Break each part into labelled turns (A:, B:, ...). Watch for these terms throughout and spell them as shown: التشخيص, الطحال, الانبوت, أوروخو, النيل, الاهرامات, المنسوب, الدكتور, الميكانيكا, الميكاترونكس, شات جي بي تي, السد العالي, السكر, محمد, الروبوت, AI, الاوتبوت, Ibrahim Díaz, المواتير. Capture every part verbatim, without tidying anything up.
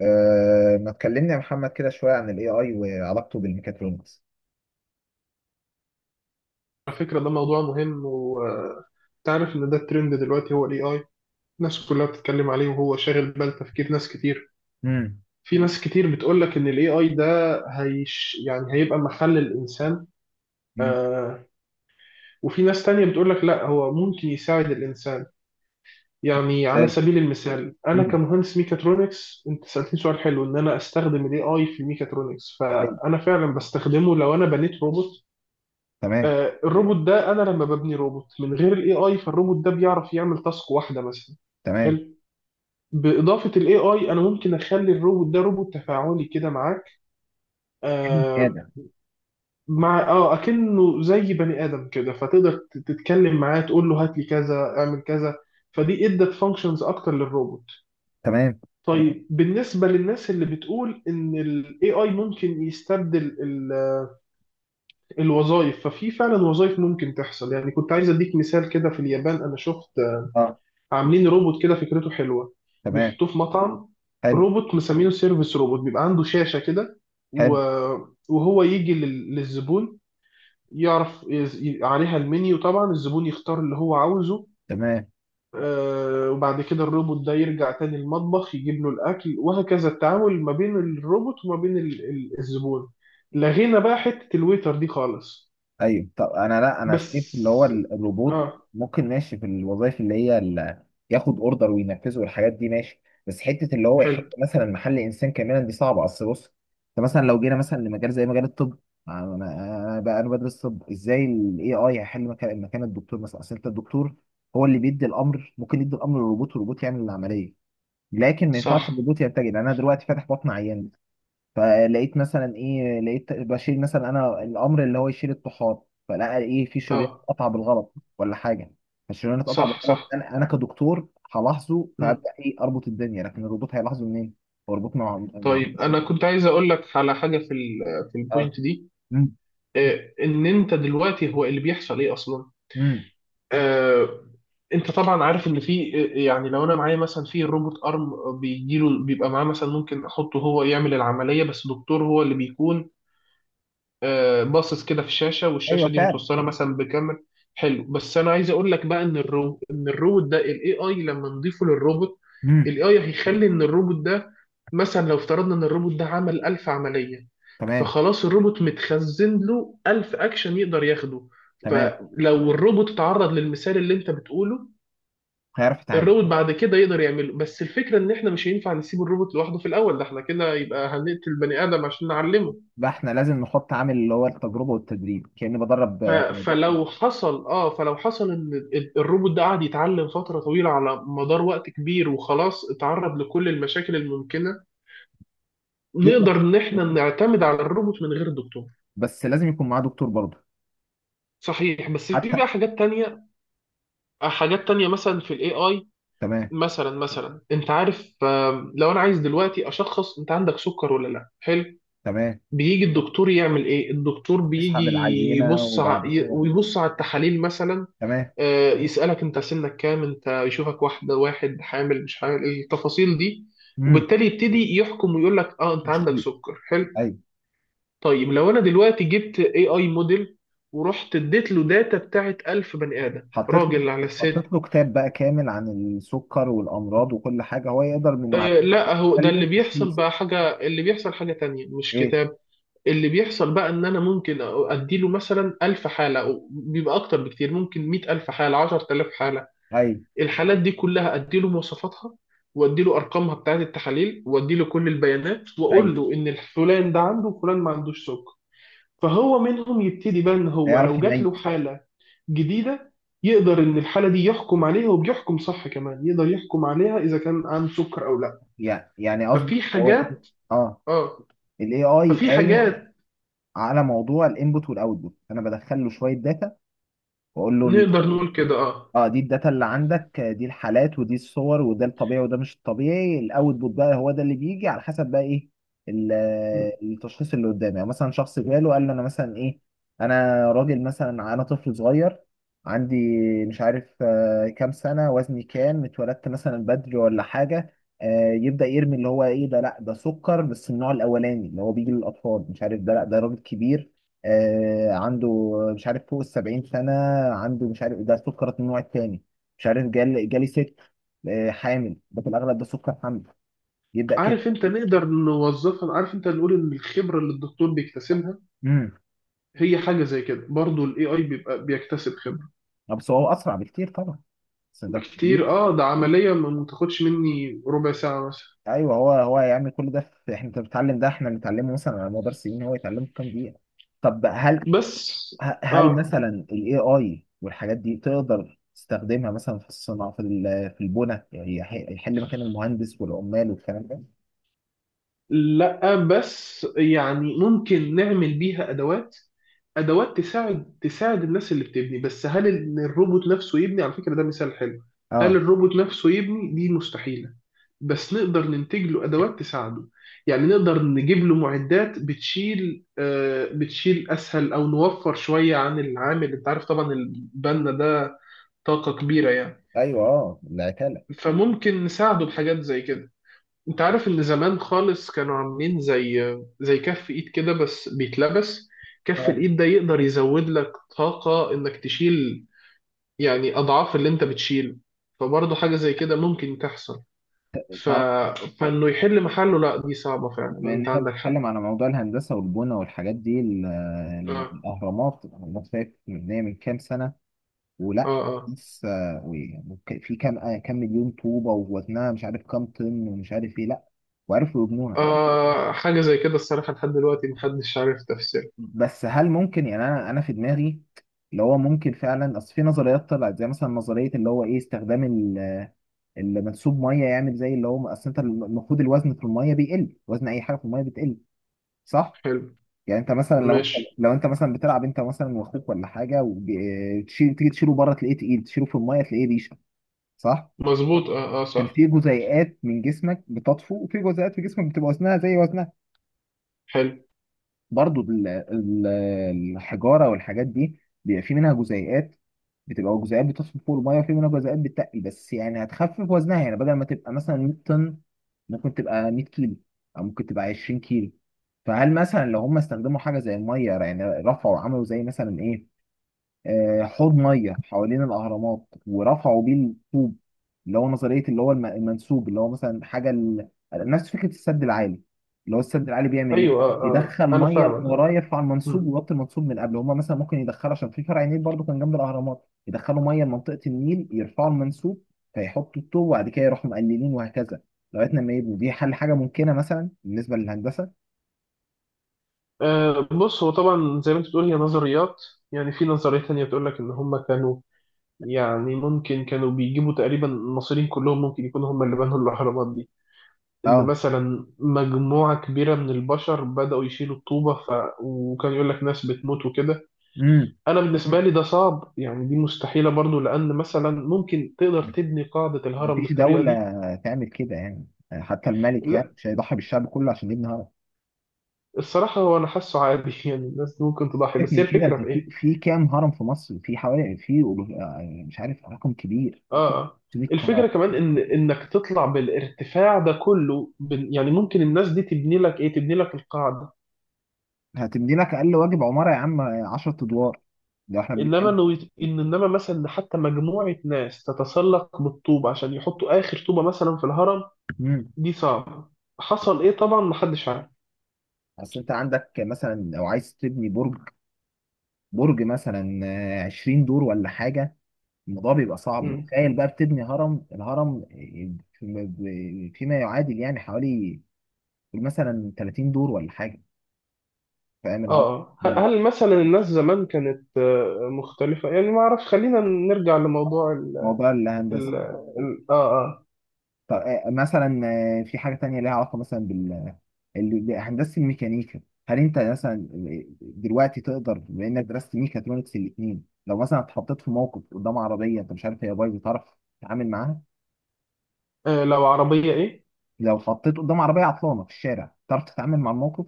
A: أه ما تكلمني يا محمد كده شوية عن ال إيه آي وعلاقته بالميكاترونكس.
B: على فكرة ده موضوع مهم، وتعرف إن ده الترند دلوقتي هو ال A I. الناس كلها بتتكلم عليه، وهو شاغل بال تفكير ناس كتير.
A: امم
B: في ناس كتير بتقولك إن ال A I ده هيش يعني هيبقى محل الإنسان. آه. وفي ناس تانية بتقولك لا، هو ممكن يساعد الإنسان. يعني على
A: ازاي؟
B: سبيل المثال، أنا
A: امم
B: كمهندس ميكاترونكس، أنت سألتني سؤال حلو إن أنا أستخدم ال A I في الميكاترونكس،
A: أيوة.
B: فأنا فعلا بستخدمه لو أنا بنيت روبوت.
A: تمام،
B: آه، الروبوت ده انا لما ببني روبوت من غير الاي اي، فالروبوت ده بيعرف يعمل تاسك واحده مثلا.
A: تمام.
B: حلو. باضافه الاي اي، انا ممكن اخلي الروبوت ده روبوت تفاعلي كده معاك.
A: يعني
B: آه.
A: هذا
B: مع اه اكنه زي بني ادم كده، فتقدر ت- تتكلم معاه، تقول له هات لي كذا اعمل كذا. فدي ادت فانكشنز اكتر للروبوت.
A: تمام.
B: طيب، بالنسبه للناس اللي بتقول ان الاي اي ممكن يستبدل الوظائف، ففي فعلا وظائف ممكن تحصل. يعني كنت عايز اديك مثال كده. في اليابان انا شفت
A: اه،
B: عاملين روبوت كده، فكرته حلوه.
A: تمام.
B: بيحطوه في مطعم.
A: حلو،
B: روبوت مسمينه سيرفيس روبوت، بيبقى عنده شاشه كده و...
A: حلو.
B: وهو يجي لل... للزبون، يعرف يز- ي- عليها المنيو. طبعا الزبون يختار اللي هو عاوزه.
A: تمام.
B: آه، وبعد كده الروبوت ده يرجع تاني المطبخ، يجيب له الأكل، وهكذا التعامل ما بين الروبوت وما بين ال- ال- الزبون. لغينا بقى حتة الويتر دي خالص.
A: ايوه، طب انا، لا، انا شايف اللي هو
B: بس.
A: ال- الروبوت
B: اه.
A: ممكن، ماشي في الوظائف اللي هي ال- ياخد اوردر وينفذه والحاجات دي ماشي، بس حته اللي هو يحل
B: حلو.
A: مثلا محل انسان كاملا دي صعبه. اصل بص، انت مثلا لو جينا مثلا لمجال زي مجال الطب، انا انا بقى انا بدرس طب. ازاي الاي اي هيحل مكان مكان الدكتور مثلا؟ اصل انت الدكتور هو اللي بيدي الامر، ممكن يدي الامر للروبوت والروبوت يعمل العمليه. لكن ما ينفعش
B: صح.
A: الروبوت ينتج. انا دلوقتي فاتح بطن عيان، فلقيت مثلا، ايه، لقيت بشيل مثلا انا الامر اللي هو يشيل الطحال، فلقى ايه، في شريان
B: اه،
A: اتقطع بالغلط ولا حاجه. فالشريان اتقطع
B: صح،
A: بالغلط،
B: صح.
A: انا انا كدكتور هلاحظه فابدا ايه، اربط الدنيا، لكن الروبوت هيلاحظه منين؟ هو الروبوت، مع مع.
B: طيب انا كنت عايز اقول لك على حاجه في ال في
A: اه.
B: البوينت دي.
A: امم
B: آه، ان انت دلوقتي هو اللي بيحصل ايه اصلا.
A: امم
B: آه، انت طبعا عارف ان في، يعني لو انا معايا مثلا في روبوت ارم بيجيله، بيبقى معاه مثلا ممكن احطه هو يعمل العمليه، بس دكتور هو اللي بيكون آه، باصص كده في الشاشه،
A: ايوه
B: والشاشه دي
A: فعلا.
B: متوصله مثلا بكاميرا. حلو. بس انا عايز اقول لك بقى ان الرو ان الروبوت ده، الاي اي لما نضيفه للروبوت،
A: امم
B: الاي اي هيخلي ان الروبوت ده، مثلا لو افترضنا ان الروبوت ده عمل ألف عمليه،
A: تمام،
B: فخلاص الروبوت متخزن له ألف اكشن يقدر ياخده.
A: تمام،
B: فلو الروبوت اتعرض للمثال اللي انت بتقوله،
A: هيعرف يتعامل.
B: الروبوت بعد كده يقدر يعمله. بس الفكره ان احنا مش هينفع نسيب الروبوت لوحده في الاول، ده احنا كده يبقى هنقتل بني ادم عشان نعلمه.
A: بقى احنا لازم نحط عامل اللي هو التجربه والتدريب، كاني بدرب
B: ف-
A: آه،
B: فلو حصل اه فلو حصل ان ال- الروبوت ده قعد يتعلم فتره طويله على مدار وقت كبير، وخلاص اتعرض لكل المشاكل الممكنه، نقدر ان احنا نعتمد على الروبوت من غير دكتور.
A: بس لازم يكون معاه دكتور برضه.
B: صحيح. بس في
A: حتى،
B: بقى حاجات تانية حاجات تانية مثلا في الاي اي.
A: تمام،
B: مثلا مثلا انت عارف، آم، لو انا عايز دلوقتي اشخص انت عندك سكر ولا لا. حلو.
A: تمام.
B: بيجي الدكتور يعمل ايه؟ الدكتور بيجي
A: اسحب العينه
B: يبص ع-
A: وبعد
B: ي-
A: كده،
B: ويبص على التحاليل مثلا.
A: تمام.
B: آه، يسألك انت سنك كام، انت يشوفك واحدة واحد، حامل مش حامل، التفاصيل دي.
A: امم
B: وبالتالي يبتدي يحكم، ويقول لك اه انت
A: مش
B: عندك
A: اكيد.
B: سكر. حلو.
A: ايوه.
B: طيب لو انا دلوقتي جبت اي اي موديل، ورحت اديت له داتا بتاعت ألف بني ادم،
A: حطيت له
B: راجل على
A: حطيت
B: ست.
A: له كتاب بقى كامل عن السكر والامراض وكل حاجه، هو يقدر من معلومات.
B: آه لا، هو ده
A: قال
B: اللي
A: له
B: بيحصل
A: تشخيص؟
B: بقى. حاجة اللي بيحصل حاجة تانية، مش
A: ايه؟
B: كتاب. اللي بيحصل بقى ان انا ممكن اديله مثلا ألف حالة، أو بيبقى اكتر بكتير، ممكن مائة ألف حالة، عشرة آلاف حالة.
A: ايوه،
B: الحالات دي كلها ادي له مواصفاتها، وادي له ارقامها بتاعت التحاليل، وادي له كل البيانات،
A: ايوه،
B: واقول له ان فلان ده عنده وفلان ما عندوش سكر. فهو منهم يبتدي بقى، ان هو
A: هيعرف
B: لو جات له
A: يميز.
B: حاله جديده، يقدر ان الحاله دي يحكم عليها، وبيحكم صح كمان، يقدر يحكم عليها اذا كان عنده سكر او لا.
A: يعني يعني قصدي
B: ففي
A: اللي هو ال-
B: حاجات.
A: اه،
B: اه.
A: الاي اي
B: ففي
A: قايم
B: حاجات
A: على موضوع الانبوت والاوتبوت. انا بدخل له شويه داتا واقول له:
B: نقدر نقول كده. اه.
A: اه، دي الداتا اللي عندك، آه، دي الحالات ودي الصور وده الطبيعي وده مش الطبيعي. الاوتبوت بقى هو ده اللي بيجي على حسب بقى ايه، ال- آه، التشخيص اللي قدامي. يعني مثلا شخص جاله قال له انا مثلا ايه، انا راجل مثلا، انا طفل صغير عندي، مش عارف آه، كام سنة، وزني كام، اتولدت مثلا بدري ولا حاجة. آه، يبدأ يرمي اللي هو ايه، ده لا ده سكر بس النوع الاولاني اللي هو بيجي للاطفال، مش عارف، ده لا ده راجل كبير، آه عنده، مش عارف، فوق السبعين سنة، عنده، مش عارف، ده سكر النوع التاني. مش عارف، جالي جالي ست، آه حامل، ده في الأغلب ده سكر حمل. يبدأ
B: عارف
A: كده.
B: انت نقدر نوظفها، عارف انت نقول ان الخبره اللي الدكتور بيكتسبها
A: امم
B: هي حاجه زي كده، برضو الاي اي بيبقى بيكتسب خبره.
A: بس هو أسرع بكتير طبعا. بس ده كبير.
B: بكتير. اه، ده عملية ما ما تاخدش مني ربع ساعة مثلا.
A: أيوه، هو هو يعمل كل ده في، إحنا، أنت بتتعلم ده إحنا بنتعلمه مثلا على مدار سنين، هو يتعلمه في كام دقيقة. طب هل،
B: بس.
A: ه- هل
B: اه.
A: مثلا ال A I والحاجات دي تقدر تستخدمها مثلا في الصناعة، في ال- في البنى، يعني يح- يحل مكان المهندس والعمال والكلام ده؟
B: لا بس يعني ممكن نعمل بيها ادوات، ادوات تساعد تساعد الناس اللي بتبني. بس هل إن الروبوت نفسه يبني؟ على فكرة ده مثال حلو. هل
A: اه.
B: الروبوت نفسه يبني؟ دي مستحيلة. بس نقدر ننتج له ادوات تساعده، يعني نقدر نجيب له معدات بتشيل آه بتشيل اسهل، او نوفر شوية عن العامل. انت عارف طبعا البنا ده طاقة كبيرة يعني.
A: ايوه، اه، العتاله.
B: فممكن نساعده بحاجات زي كده. انت
A: أيوة.
B: عارف ان زمان خالص كانوا عاملين زي زي كف ايد كده، بس بيتلبس. كف
A: آه.
B: الايد ده يقدر يزود لك طاقة انك تشيل، يعني اضعاف اللي انت بتشيله. فبرضه حاجة زي كده ممكن تحصل. ف...
A: تعرف،
B: فانه يحل محله، لا دي صعبة فعلا،
A: بما
B: انت
A: اننا
B: عندك حق.
A: بنتكلم على موضوع الهندسه والبنى والحاجات دي ال-
B: اه،
A: الاهرامات. الاهرامات شايف مبنيه من كام سنه؟
B: اه،
A: ولا
B: اه.
A: لسه؟ وك- في كام، آه، كام مليون طوبه، ووزنها مش عارف كام طن، ومش عارف ايه، لا، وعرفوا يبنوها.
B: آه، حاجة زي كده الصراحة لحد دلوقتي محدش عارف تفسيرها.
A: بس هل ممكن، يعني انا انا في دماغي اللي هو ممكن فعلا، اصل في نظريات طلعت زي مثلا نظريه اللي هو ايه، استخدام ال- المنسوب ميه، يعمل زي اللي هو، اصل انت المفروض الوزن في الميه بيقل، وزن اي حاجه في الميه بتقل، صح؟
B: حلو.
A: يعني انت مثلا لو
B: ماشي.
A: لو انت مثلا بتلعب انت مثلا واخوك ولا حاجه، وتشيل، تيجي تشيله بره تلاقيه تقيل، تشيله في الميه تلاقيه ريشه، صح؟
B: مظبوط، اه، اه،
A: عشان
B: صح.
A: في جزيئات من جسمك بتطفو، وفي جزيئات في جسمك بتبقى وزنها زي وزنها.
B: حلو.
A: برضو ال- ال- الحجاره والحاجات دي بيبقى في منها جزيئات، بتبقى جزيئات بتطفو فوق الميه، وفي منها جزيئات بتتقل. بس يعني هتخفف وزنها، يعني بدل ما تبقى مثلا 100 طن، ممكن تبقى 100 كيلو، او ممكن تبقى 20 كيلو. فهل مثلا لو هم استخدموا حاجه زي الميه، يعني رفعوا وعملوا زي مثلا ايه، آه، حوض ميه حوالين الاهرامات ورفعوا بيه الطوب؟ اللي هو نظريه اللي هو الم- المنسوب، اللي هو مثلا حاجه ال... نفس فكره السد العالي. اللي هو السد العالي بيعمل ايه؟
B: ايوه، اه، اه،
A: بيدخل
B: انا
A: ميه من
B: فاهمك.
A: وراه،
B: اه.
A: يرفع المنسوب ويوطي المنسوب من قبل. هما مثلا ممكن يدخلوا، عشان في فرع نيل برضه كان جنب الاهرامات، يدخلوا ميه لمنطقه النيل، يرفعوا المنسوب فيحطوا الطوب، وبعد كده يروحوا مقللين، وهكذا لغايه لما يبقوا، دي حل، حاجه ممكنه مثلا بالنسبه للهندسه.
B: أه، بص هو طبعا زي ما انت بتقول هي نظريات. يعني في نظرية تانية بتقول لك ان هم كانوا، يعني ممكن كانوا بيجيبوا تقريبا المصريين كلهم، ممكن يكونوا هم اللي بنوا الاهرامات دي. ان
A: اه.
B: مثلا مجموعة كبيرة من البشر بدأوا يشيلوا الطوبة، ف... وكان يقول لك ناس بتموت وكده.
A: امم
B: انا بالنسبة لي ده صعب، يعني دي مستحيلة برضو، لان مثلا ممكن تقدر تبني قاعدة الهرم
A: مفيش
B: بالطريقة
A: دولة
B: دي.
A: تعمل كده، يعني حتى الملك يعني
B: لا.
A: مش هيضحي بالشعب كله عشان يبني هرم.
B: الصراحة هو انا حاسه عادي يعني الناس ممكن تضحي،
A: سيبك
B: بس هي
A: من كده،
B: الفكرة
A: انت
B: في
A: في،
B: ايه.
A: في كام هرم في مصر، في حوالي، في مش عارف، رقم كبير،
B: اه. آه.
A: 600 هرم.
B: الفكرة كمان ان انك تطلع بالارتفاع ده كله، بن- يعني ممكن الناس دي تبني لك ايه؟ تبني لك القاعدة.
A: هتبني لك اقل واجب عمارة يا عم 10 ادوار. لو احنا
B: انما
A: بنتكلم،
B: انه يت- ان انما مثلا إن حتى مجموعة ناس تتسلق بالطوب عشان يحطوا اخر طوبة مثلا في الهرم،
A: امم
B: دي صعبة. حصل ايه طبعا محدش عارف.
A: اصل انت عندك مثلا لو عايز تبني برج، برج مثلا آه، 20 دور ولا حاجة، الموضوع بيبقى صعب.
B: مم.
A: تخيل بقى بتبني هرم، الهرم آه، فيما، فيما يعادل يعني حوالي مثلا 30 دور ولا حاجة، فاهم
B: اه.
A: العلاقة؟
B: آه. ه- مم.
A: ده
B: هل مثلا الناس زمان كانت آه، مختلفة يعني؟ ما اعرفش. خلينا نرجع لموضوع ال
A: موضوع الهندسة.
B: ال ال- اه اه
A: طب آه، مثلا آه، في حاجة تانية ليها علاقة مثلا بال، ال- بهندسة الميكانيكا، هل أنت مثلا آه، دلوقتي تقدر، بما إنك درست ميكاترونكس الاتنين، لو مثلا اتحطيت في موقف قدام عربية أنت مش عارف هي بايظة تعرف تتعامل معاها؟
B: آه، لو عربية ايه.
A: لو اتحطيت قدام عربية عطلانة في الشارع، تعرف تتعامل مع الموقف؟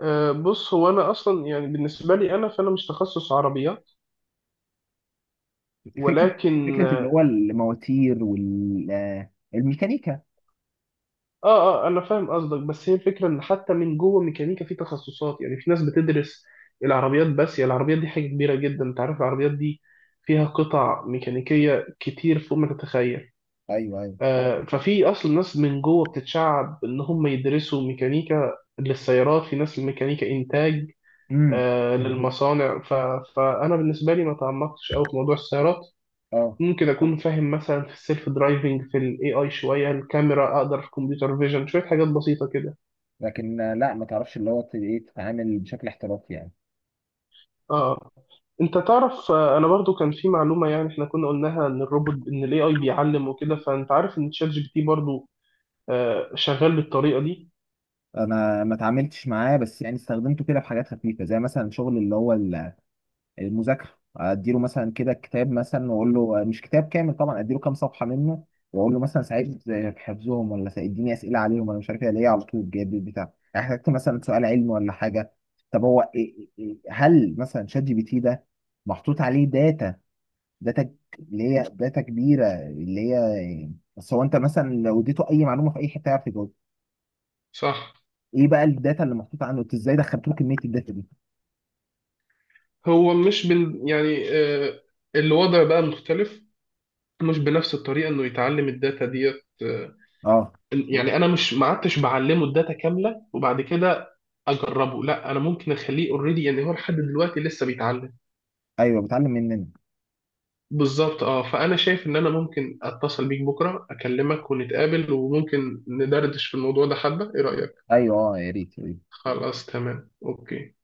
B: أه، بص هو انا اصلا يعني بالنسبه لي، انا فانا مش تخصص عربيات.
A: فكرة،
B: ولكن
A: فكرة اللي
B: اه
A: هو المواتير والميكانيكا.
B: اه آه، انا فاهم قصدك. بس هي الفكره ان حتى من جوه ميكانيكا في تخصصات. يعني في ناس بتدرس العربيات بس، يعني العربيات دي حاجه كبيره جدا. انت عارف العربيات دي فيها قطع ميكانيكيه كتير فوق ما تتخيل.
A: ايوه، ايوه.
B: آه، ففي اصلا ناس من جوه بتتشعب ان هم يدرسوا ميكانيكا للسيارات، في ناس الميكانيكا انتاج.
A: امم
B: آه، مم، للمصانع. ف... فانا بالنسبه لي ما تعمقتش قوي في موضوع السيارات.
A: اه،
B: ممكن اكون فاهم مثلا في السيلف درايفنج، في الاي اي شويه، الكاميرا اقدر، في كمبيوتر فيجن شويه، حاجات بسيطه كده.
A: لكن آه، لا ما تعرفش اللي هو ت- ايه، تتعامل بشكل احترافي يعني.
B: اه. انت تعرف، آه، انا برضو كان في معلومه، يعني احنا كنا قلناها ان الروبوت، ان الاي اي بيعلم وكده. فانت عارف ان تشات جي بي تي برضو آه، شغال بالطريقه دي.
A: انا ما اتعاملتش معاه، بس يعني استخدمته كده في حاجات خفيفه، زي مثلا شغل اللي هو ال- المذاكره. اديله مثلا كده كتاب، مثلا واقول له، مش كتاب كامل طبعا، اديله كام صفحه منه، واقول له مثلا ساعدني في حفظهم، ولا ساعدني اسئله عليهم، انا مش عارف ايه، ليه على طول جايب لي بتاع، احتجت مثلا سؤال علمي ولا حاجه. طب هو، إيه- إيه- إيه- هل مثلا شات جي بي تي ده محطوط عليه داتا؟ داتا ك- اللي هي داتا كبيره اللي هي، بس هو انت مثلا لو اديته اي معلومه في اي حته يعرف يجاوب.
B: صح.
A: ايه بقى الداتا اللي محطوطه عنه؟ انت ازاي دخلت له كميه الداتا دي؟
B: هو مش بن يعني آه، الوضع بقى مختلف، مش بنفس الطريقه انه يتعلم الداتا ديت.
A: اه.
B: يعني انا مش ما عدتش بعلمه الداتا كامله وبعد كده اجربه، لا انا ممكن اخليه اوريدي. يعني هو لحد دلوقتي لسه بيتعلم.
A: ايوه، بتعلم مننا.
B: بالظبط. اه، فانا شايف ان انا ممكن اتصل بيك بكره، اكلمك ونتقابل، وممكن ندردش في الموضوع ده حبه. ايه رايك؟
A: ايوه، اه، يا ريت، يا ريت.
B: خلاص تمام. اوكي.